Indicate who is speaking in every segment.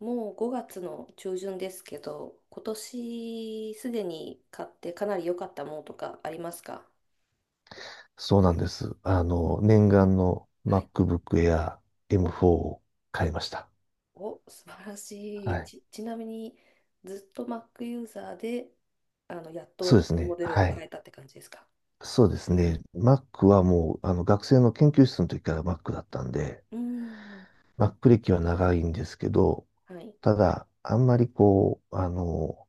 Speaker 1: もう5月の中旬ですけど、今年すでに買ってかなり良かったものとかありますか？
Speaker 2: そうなんです。念願の
Speaker 1: はい。
Speaker 2: MacBook Air
Speaker 1: お、
Speaker 2: M4 を買いました。
Speaker 1: お、素晴らし
Speaker 2: は
Speaker 1: い。
Speaker 2: い。
Speaker 1: ちなみに、ずっと Mac ユーザーで、やっ
Speaker 2: そうで
Speaker 1: と
Speaker 2: す
Speaker 1: モ
Speaker 2: ね。
Speaker 1: デルを
Speaker 2: は
Speaker 1: 変
Speaker 2: い。
Speaker 1: えたって感じですか？
Speaker 2: そうですね。Mac はもう、学生の研究室の時から Mac だったんで、
Speaker 1: うーん。
Speaker 2: Mac 歴は長いんですけど、
Speaker 1: はい。
Speaker 2: ただ、あんまりこう、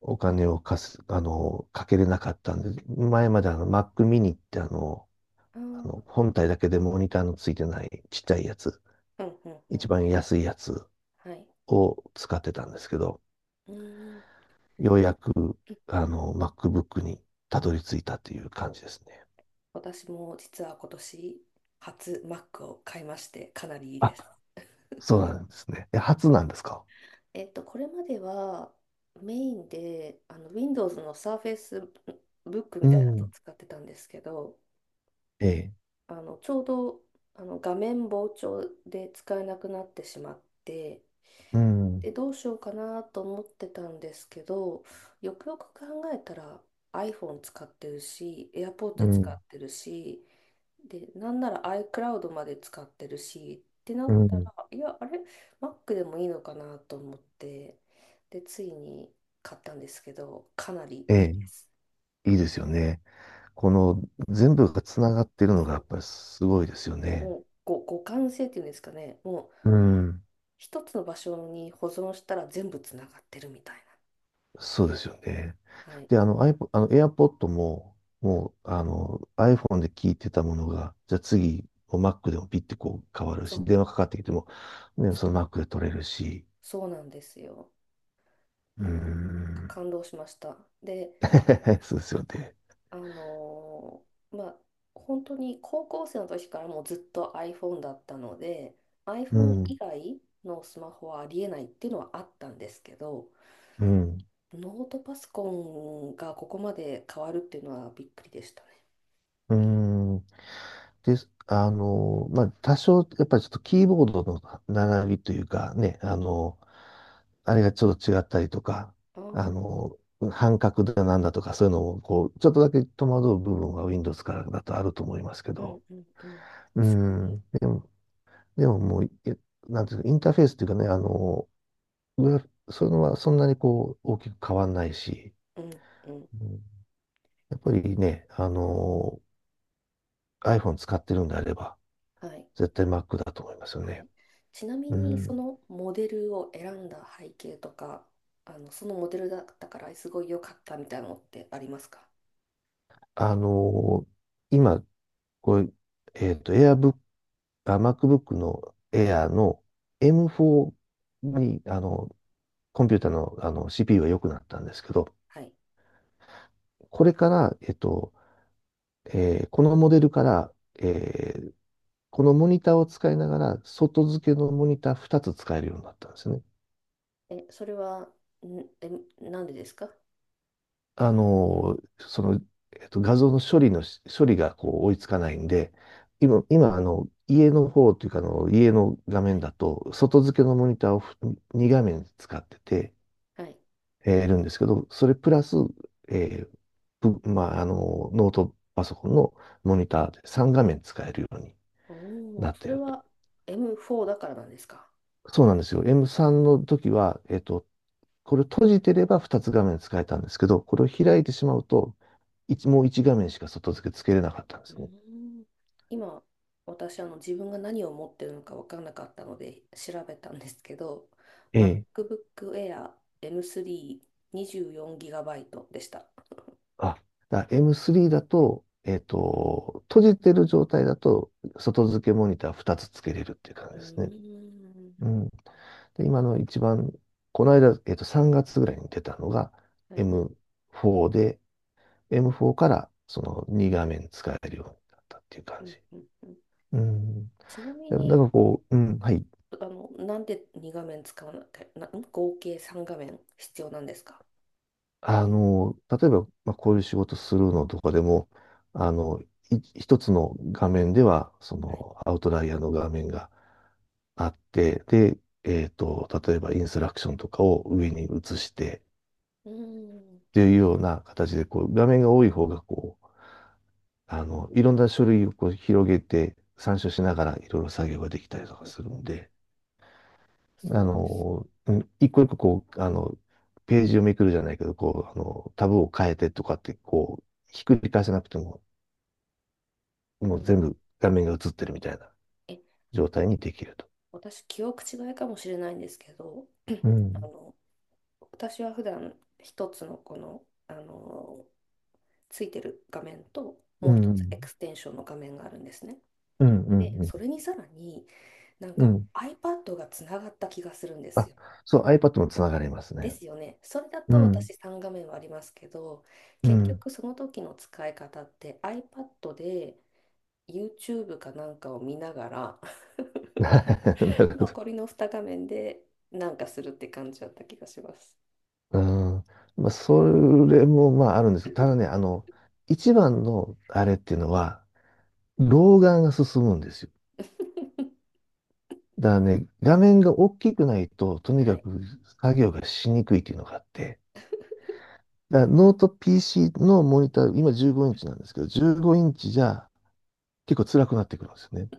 Speaker 2: お金を貸す、かけれなかったんで、前まであの Mac mini って
Speaker 1: ああ、うん、
Speaker 2: 本体だけでモニターのついてないちっちゃいやつ、
Speaker 1: うん、う
Speaker 2: 一
Speaker 1: ん。
Speaker 2: 番安いやつ
Speaker 1: はい。
Speaker 2: を使ってたんですけど、
Speaker 1: うーん。
Speaker 2: ようやく、MacBook にたどり着いたという感じですね。
Speaker 1: 私も実は今年、初 Mac を買いまして、かなりいいで
Speaker 2: あ、
Speaker 1: す。
Speaker 2: そうなんですね。え、初なんですか？
Speaker 1: これまではメインでWindows の Surface Book み
Speaker 2: う
Speaker 1: たいなのを
Speaker 2: ん。
Speaker 1: 使ってたんですけど、
Speaker 2: ええ。
Speaker 1: ちょうど画面膨張で使えなくなってしまって、
Speaker 2: うん。
Speaker 1: で、どうしようかなと思ってたんですけど、よくよく考えたら iPhone 使ってるし、
Speaker 2: う
Speaker 1: AirPods 使
Speaker 2: ん。
Speaker 1: ってるし、で、なんなら iCloud まで使ってるし、ってな
Speaker 2: う
Speaker 1: った
Speaker 2: ん。
Speaker 1: ら、いや、あれ、Mac でもいいのかなと思って、で、ついに買ったんですけど、かなり
Speaker 2: え
Speaker 1: い
Speaker 2: え。
Speaker 1: いです。
Speaker 2: いいですよね。この全部がつながってるのがや
Speaker 1: そ
Speaker 2: っぱりすごいですよ
Speaker 1: う。
Speaker 2: ね。
Speaker 1: もう、互換性っていうんですかね、もう、
Speaker 2: うん。
Speaker 1: 一つの場所に保存したら全部つながってるみたい
Speaker 2: そうですよね。
Speaker 1: な。はい。
Speaker 2: で、iPod、AirPod も、もう、iPhone で聞いてたものが、じゃあ次、こう Mac でもピッてこう変わる
Speaker 1: そ
Speaker 2: し、
Speaker 1: う、
Speaker 2: 電話かかってきても、ね、
Speaker 1: そう、
Speaker 2: その Mac で取れるし、
Speaker 1: そうなんですよ。
Speaker 2: うー
Speaker 1: もう
Speaker 2: ん。
Speaker 1: 感動しました。で、
Speaker 2: そうですよね。
Speaker 1: あのまあ、本当に高校生の時からもうずっと iPhone だったので、
Speaker 2: う
Speaker 1: iPhone
Speaker 2: ん、
Speaker 1: 以外のスマホはありえないっていうのはあったんですけど、
Speaker 2: うん、
Speaker 1: ノートパソコンがここまで変わるっていうのはびっくりでしたね。
Speaker 2: うん。です。まあ、多少、やっぱりちょっとキーボードの並びというかね、あれがちょっと違ったりとか、
Speaker 1: あ
Speaker 2: あ
Speaker 1: あ、
Speaker 2: の、半角だなんだとか、そういうのも、こう、ちょっとだけ戸惑う部分は Windows からだとあると思いますけ
Speaker 1: う
Speaker 2: ど、
Speaker 1: んうんうん。
Speaker 2: う
Speaker 1: 確かに。
Speaker 2: ん、でも、もう、なんていうか、インターフェースというかね、グラフそういうのはそんなにこう、大きく変わんないし、
Speaker 1: うんうん。
Speaker 2: うん。やっぱりね、iPhone 使ってるんであれば、
Speaker 1: はい。
Speaker 2: 絶対 Mac だと思いますよ
Speaker 1: は
Speaker 2: ね。
Speaker 1: い。ちなみ
Speaker 2: う
Speaker 1: に、そ
Speaker 2: ん。
Speaker 1: のモデルを選んだ背景とか、そのモデルだったからすごい良かったみたいなのってありますか？
Speaker 2: あのー今、これ、AirBook、あ、MacBook の
Speaker 1: はい。
Speaker 2: Air の M4 に、コンピューターの、CPU が良くなったんですけど、
Speaker 1: はい。
Speaker 2: これから、このモデルから、えーこのモニターを使いながら、外付けのモニター2つ使えるようになったんですね。
Speaker 1: え、それは、え、なんでですか？
Speaker 2: あの、その、画像の処理がこう追いつかないんで、今、家の方というか、家の画
Speaker 1: は
Speaker 2: 面
Speaker 1: い。
Speaker 2: だと、外付けのモニターを2画面使ってて、
Speaker 1: はい。
Speaker 2: いるんですけど、それプラス、えーぶまあ、ノートパソコンのモニターで3画面使えるように
Speaker 1: おお、
Speaker 2: なっ
Speaker 1: そ
Speaker 2: て
Speaker 1: れ
Speaker 2: ると。
Speaker 1: は M4 だからなんですか？
Speaker 2: そうなんですよ。M3 の時は、これを閉じてれば2つ画面使えたんですけど、これを
Speaker 1: う
Speaker 2: 開
Speaker 1: ん。
Speaker 2: いてしまうと、もう1画面しか外付けつけれなかったんで
Speaker 1: うー
Speaker 2: すね。
Speaker 1: ん、今、私、自分が何を持ってるのか分からなかったので調べたんですけど、
Speaker 2: え
Speaker 1: MacBook
Speaker 2: え。
Speaker 1: Air M3 2 4イトでした。
Speaker 2: あ、M3 だと、閉じてる状態だと、外付けモニター2つつけれるっていう感じ
Speaker 1: うー
Speaker 2: ですね。
Speaker 1: ん。
Speaker 2: うん。で、今の一番、この間、3月ぐらいに出たのが
Speaker 1: はい。
Speaker 2: M4 で、M4 からその2画面使えるようになったっていう
Speaker 1: う
Speaker 2: 感じ。
Speaker 1: んうんうん。
Speaker 2: うん。
Speaker 1: ちなみ
Speaker 2: だか
Speaker 1: に、
Speaker 2: らこう、うん、はい。
Speaker 1: なんで2画面使わなきゃ、合計3画面必要なんですか？
Speaker 2: 例えば、まあ、こういう仕事するのとかでも、あの、一つの画面では、そ
Speaker 1: はい。
Speaker 2: の、アウトライアーの画面があって、で、例えばインストラクションとかを上に移して、
Speaker 1: うーん。
Speaker 2: っていうような形で、こう、画面が多い方が、こう、いろんな書類をこう広げて、参照しながらいろいろ作業ができ
Speaker 1: うん
Speaker 2: た
Speaker 1: う
Speaker 2: りとか
Speaker 1: ん
Speaker 2: する
Speaker 1: うん、
Speaker 2: んで、
Speaker 1: そうです。
Speaker 2: うん。一個一個こう、ページをめくるじゃないけど、こう、タブを変えてとかって、こう、ひっくり返さなくてもも
Speaker 1: う
Speaker 2: う
Speaker 1: ん、
Speaker 2: 全部画面が映ってるみたいな
Speaker 1: え、
Speaker 2: 状態にできると。
Speaker 1: 私、記憶違いかもしれないんですけど、
Speaker 2: う
Speaker 1: あ
Speaker 2: ん。
Speaker 1: の、私は普段一つのこの、ついてる画面と、
Speaker 2: う
Speaker 1: もう一つエ
Speaker 2: ん。
Speaker 1: クステンションの画面があるんですね。
Speaker 2: うん。うん。
Speaker 1: で、
Speaker 2: う
Speaker 1: そ
Speaker 2: ん。
Speaker 1: れにさらになん
Speaker 2: う
Speaker 1: か
Speaker 2: ん。
Speaker 1: iPad がつながった気がするんです
Speaker 2: あ、
Speaker 1: よ。
Speaker 2: そう、iPad もつながれます
Speaker 1: で
Speaker 2: ね。
Speaker 1: すよね。それだ
Speaker 2: う
Speaker 1: と
Speaker 2: ん。
Speaker 1: 私3画面はありますけど、
Speaker 2: う
Speaker 1: 結
Speaker 2: ん。
Speaker 1: 局その時の使い方って iPad で YouTube かなんかを見ながら
Speaker 2: なるほど。
Speaker 1: 残りの2画面でなんかするって感じだった気がします。
Speaker 2: うん。まあ、それもまああるんです。ただね、一番のあれっていうのは、老眼が進むんですよ。だからね、画面が大きくないと、とに
Speaker 1: は
Speaker 2: か
Speaker 1: い、
Speaker 2: く作業がしにくいっていうのがあって、だからノート PC のモニター、今15インチなんですけど、15インチじゃ結構辛くなってくるんですよね。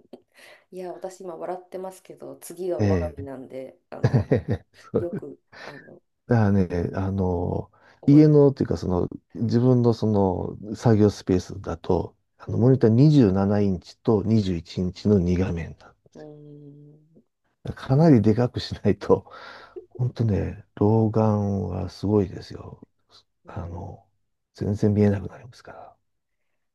Speaker 1: いや、私今笑ってますけど、次が我が
Speaker 2: え
Speaker 1: 身
Speaker 2: え。
Speaker 1: なんで、
Speaker 2: そ
Speaker 1: よ
Speaker 2: う。
Speaker 1: く、あの、
Speaker 2: だからね、あの、
Speaker 1: 覚え
Speaker 2: 家
Speaker 1: ておく。
Speaker 2: のっていうか、その、自分のその、作業スペースだと、
Speaker 1: う
Speaker 2: モニ
Speaker 1: ん、
Speaker 2: ター27インチと21インチの2画面だ。
Speaker 1: うん、
Speaker 2: かなりでかくしないと、ほんとね、老眼はすごいですよ。
Speaker 1: う
Speaker 2: あ
Speaker 1: ん、
Speaker 2: の、全然見えなくなりますから。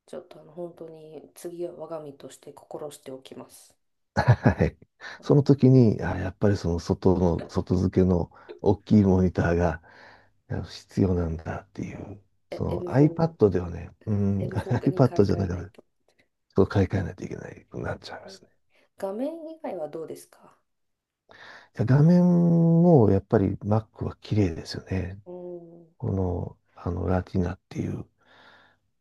Speaker 1: ちょっと本当に次は我が身として心しておきます。
Speaker 2: はい。
Speaker 1: は
Speaker 2: そ
Speaker 1: い、
Speaker 2: の時に、あ、やっぱり外付けの大きいモニターが必要なんだってい
Speaker 1: はい、
Speaker 2: う。
Speaker 1: え、
Speaker 2: その
Speaker 1: M4、
Speaker 2: iPad ではね、うん、
Speaker 1: M4 に買
Speaker 2: iPad
Speaker 1: い
Speaker 2: じゃ
Speaker 1: 替え
Speaker 2: ないか
Speaker 1: ない
Speaker 2: な。
Speaker 1: と。
Speaker 2: そょ買い替えないといけないくなっちゃいま
Speaker 1: え
Speaker 2: す
Speaker 1: ー
Speaker 2: ね。
Speaker 1: 画面以外はどうですか？
Speaker 2: 画面もやっぱり Mac は綺麗ですよね。
Speaker 1: うん、
Speaker 2: この、ラティナっていう、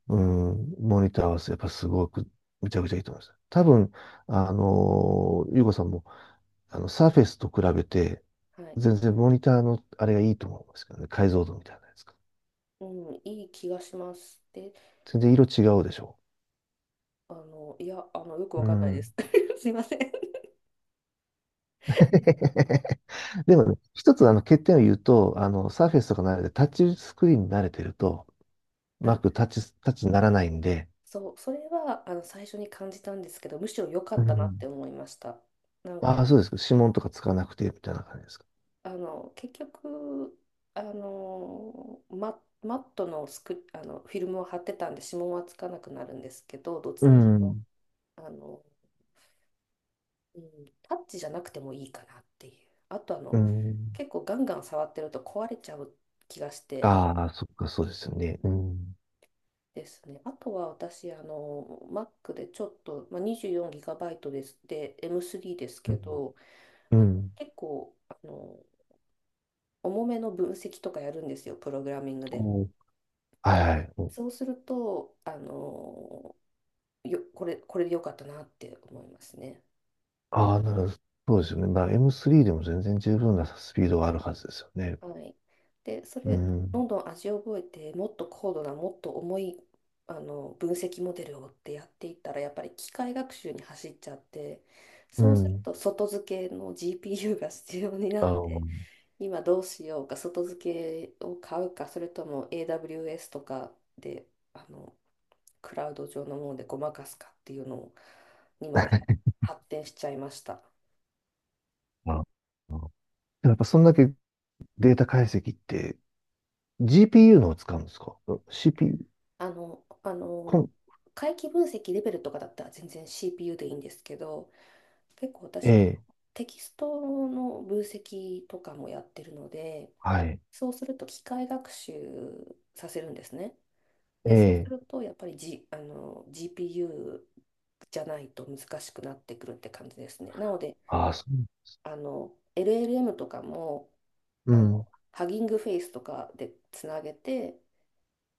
Speaker 2: うん、モニターはやっぱすごくむちゃくちゃいいと思います。多分、ゆうこさんも、サーフェスと比べて、
Speaker 1: はい、
Speaker 2: 全然モニターのあれがいいと思うんですけどね。解像度みたいなやつが。
Speaker 1: うん、いい気がします。で、
Speaker 2: 全然色違うでしょ
Speaker 1: いや、よく
Speaker 2: う。
Speaker 1: わ
Speaker 2: う
Speaker 1: かんないで
Speaker 2: ん。
Speaker 1: す。すいません。
Speaker 2: でもね、一つ欠点を言うと、サーフェスとか慣れて、タッチスクリーンに慣れてると、う
Speaker 1: あ、
Speaker 2: まくタッチにならないんで、
Speaker 1: そう、それは、最初に感じたんですけど、むしろ良か
Speaker 2: う
Speaker 1: ったなって
Speaker 2: ん。
Speaker 1: 思いました。なん
Speaker 2: あ
Speaker 1: か、
Speaker 2: あ、そうですか、指紋とかつかなくて、みたいな感じですか。
Speaker 1: 結局、マットのスク、あの、フィルムを貼ってたんで、指紋はつかなくなるんですけど、どっ
Speaker 2: う
Speaker 1: ちにしろ、
Speaker 2: ん。
Speaker 1: あの、うん、タッチじゃなくてもいいかなっていう。あと、
Speaker 2: うん。
Speaker 1: 結構ガンガン触ってると壊れちゃう気がして、
Speaker 2: ああ、そっか、そうですよ
Speaker 1: うん
Speaker 2: ね。うん。
Speaker 1: ですね。あとは私、Mac でちょっと、まあ、24GB です。で、M3 です
Speaker 2: う
Speaker 1: け
Speaker 2: ん。
Speaker 1: ど、
Speaker 2: うん。
Speaker 1: 結構、重めの分析とかやるんですよ、プログラミングで。
Speaker 2: こう、はいはい。こう。
Speaker 1: そうすると、これで良かったなって思いますね。
Speaker 2: ああ、なるほど。そうですよね。まあ、M3 でも全然十分なスピードはあるはずですよね。
Speaker 1: はい。で、そ
Speaker 2: う
Speaker 1: れ、ど
Speaker 2: ん。
Speaker 1: んどん味を覚えて、もっと高度な、もっと重い、分析モデルをってやっていったら、やっぱり機械学習に走っちゃって、
Speaker 2: う
Speaker 1: そうする
Speaker 2: ん。
Speaker 1: と外付けの GPU が必要にな
Speaker 2: あ
Speaker 1: っ
Speaker 2: の、
Speaker 1: て、今どうしようか、外付けを買うか、それとも AWS とかで、あの、クラウド上のものでごまかすかっていうのにまで 発展しちゃいました。
Speaker 2: まあ、でもやっぱそんだけデータ解析って GPU のを使うんですか ?CPU、
Speaker 1: あの、あ
Speaker 2: コ
Speaker 1: の、
Speaker 2: ン、
Speaker 1: 回帰分析レベルとかだったら全然 CPU でいいんですけど、結構
Speaker 2: え
Speaker 1: 私、
Speaker 2: え、
Speaker 1: テキストの分析とかもやってるので、
Speaker 2: はい、
Speaker 1: そうすると機械学習させるんですね。
Speaker 2: え
Speaker 1: で、そうす
Speaker 2: え、
Speaker 1: るとやっぱり、G、あの GPU じゃないと難しくなってくるって感じですね。なので、
Speaker 2: ああ、そう、
Speaker 1: LLM とかも
Speaker 2: う
Speaker 1: あの
Speaker 2: ん、
Speaker 1: ハギングフェイスとかでつなげて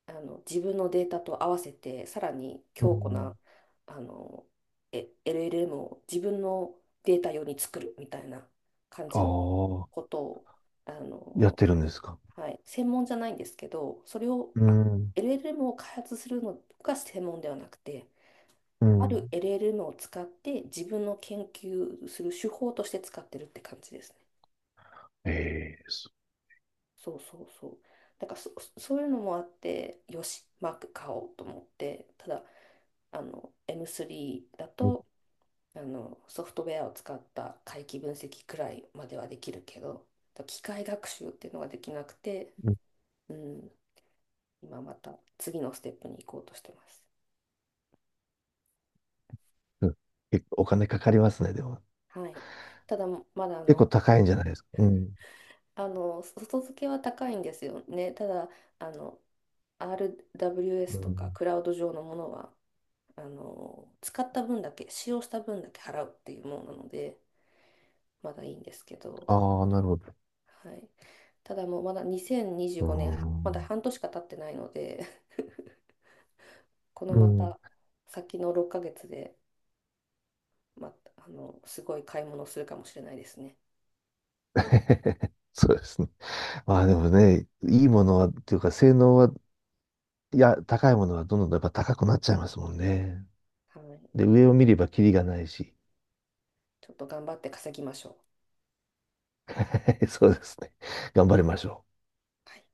Speaker 1: 自分のデータと合わせてさらに
Speaker 2: う
Speaker 1: 強固な
Speaker 2: ん、
Speaker 1: あのえ LLM を自分のデータ用に作るみたいな感
Speaker 2: あ
Speaker 1: じの
Speaker 2: あ、
Speaker 1: ことをあ
Speaker 2: やっ
Speaker 1: の、
Speaker 2: てるんですか？
Speaker 1: はい、専門じゃないんですけどそれを
Speaker 2: うん、
Speaker 1: LLM を開発するのが専門ではなくて
Speaker 2: う
Speaker 1: ある
Speaker 2: ん、
Speaker 1: LLM を使って自分の研究する手法として使ってるって感じですね。
Speaker 2: ええ、そ
Speaker 1: そうそうそう。だからそういうのもあってよしマーク買おうと思ってた。だ、M3 だ
Speaker 2: う、う
Speaker 1: とソフトウェアを使った回帰分析くらいまではできるけど機械学習っていうのができなくて、
Speaker 2: ん、
Speaker 1: うん、今また次のステップに行こうとしてます。
Speaker 2: うん。結構お金かかりますね、でも。
Speaker 1: はい、ただまだ
Speaker 2: 結構高いんじゃないですか？うん、
Speaker 1: 外付けは高いんですよね。ただあの
Speaker 2: う
Speaker 1: RWS とか
Speaker 2: ん、
Speaker 1: クラウド上のものは使った分だけ使用した分だけ払うっていうものなのでまだいいんですけど。
Speaker 2: ああ、なるほど。
Speaker 1: はい。ただもうまだ2025
Speaker 2: う
Speaker 1: 年、はまだ
Speaker 2: ん、
Speaker 1: 半年しか経ってないので、この
Speaker 2: う
Speaker 1: ま
Speaker 2: ん。
Speaker 1: た先の6ヶ月で、また、すごい買い物をするかもしれないですね。
Speaker 2: そうですね。まあでもね、いいものは、っていうか性能は、いや、高いものはどんどんやっぱ高くなっちゃいますもんね。
Speaker 1: はい。
Speaker 2: で、上を見ればキリがないし、
Speaker 1: ちょっと頑張って稼ぎましょう。
Speaker 2: そうですね。頑張りましょう。
Speaker 1: はい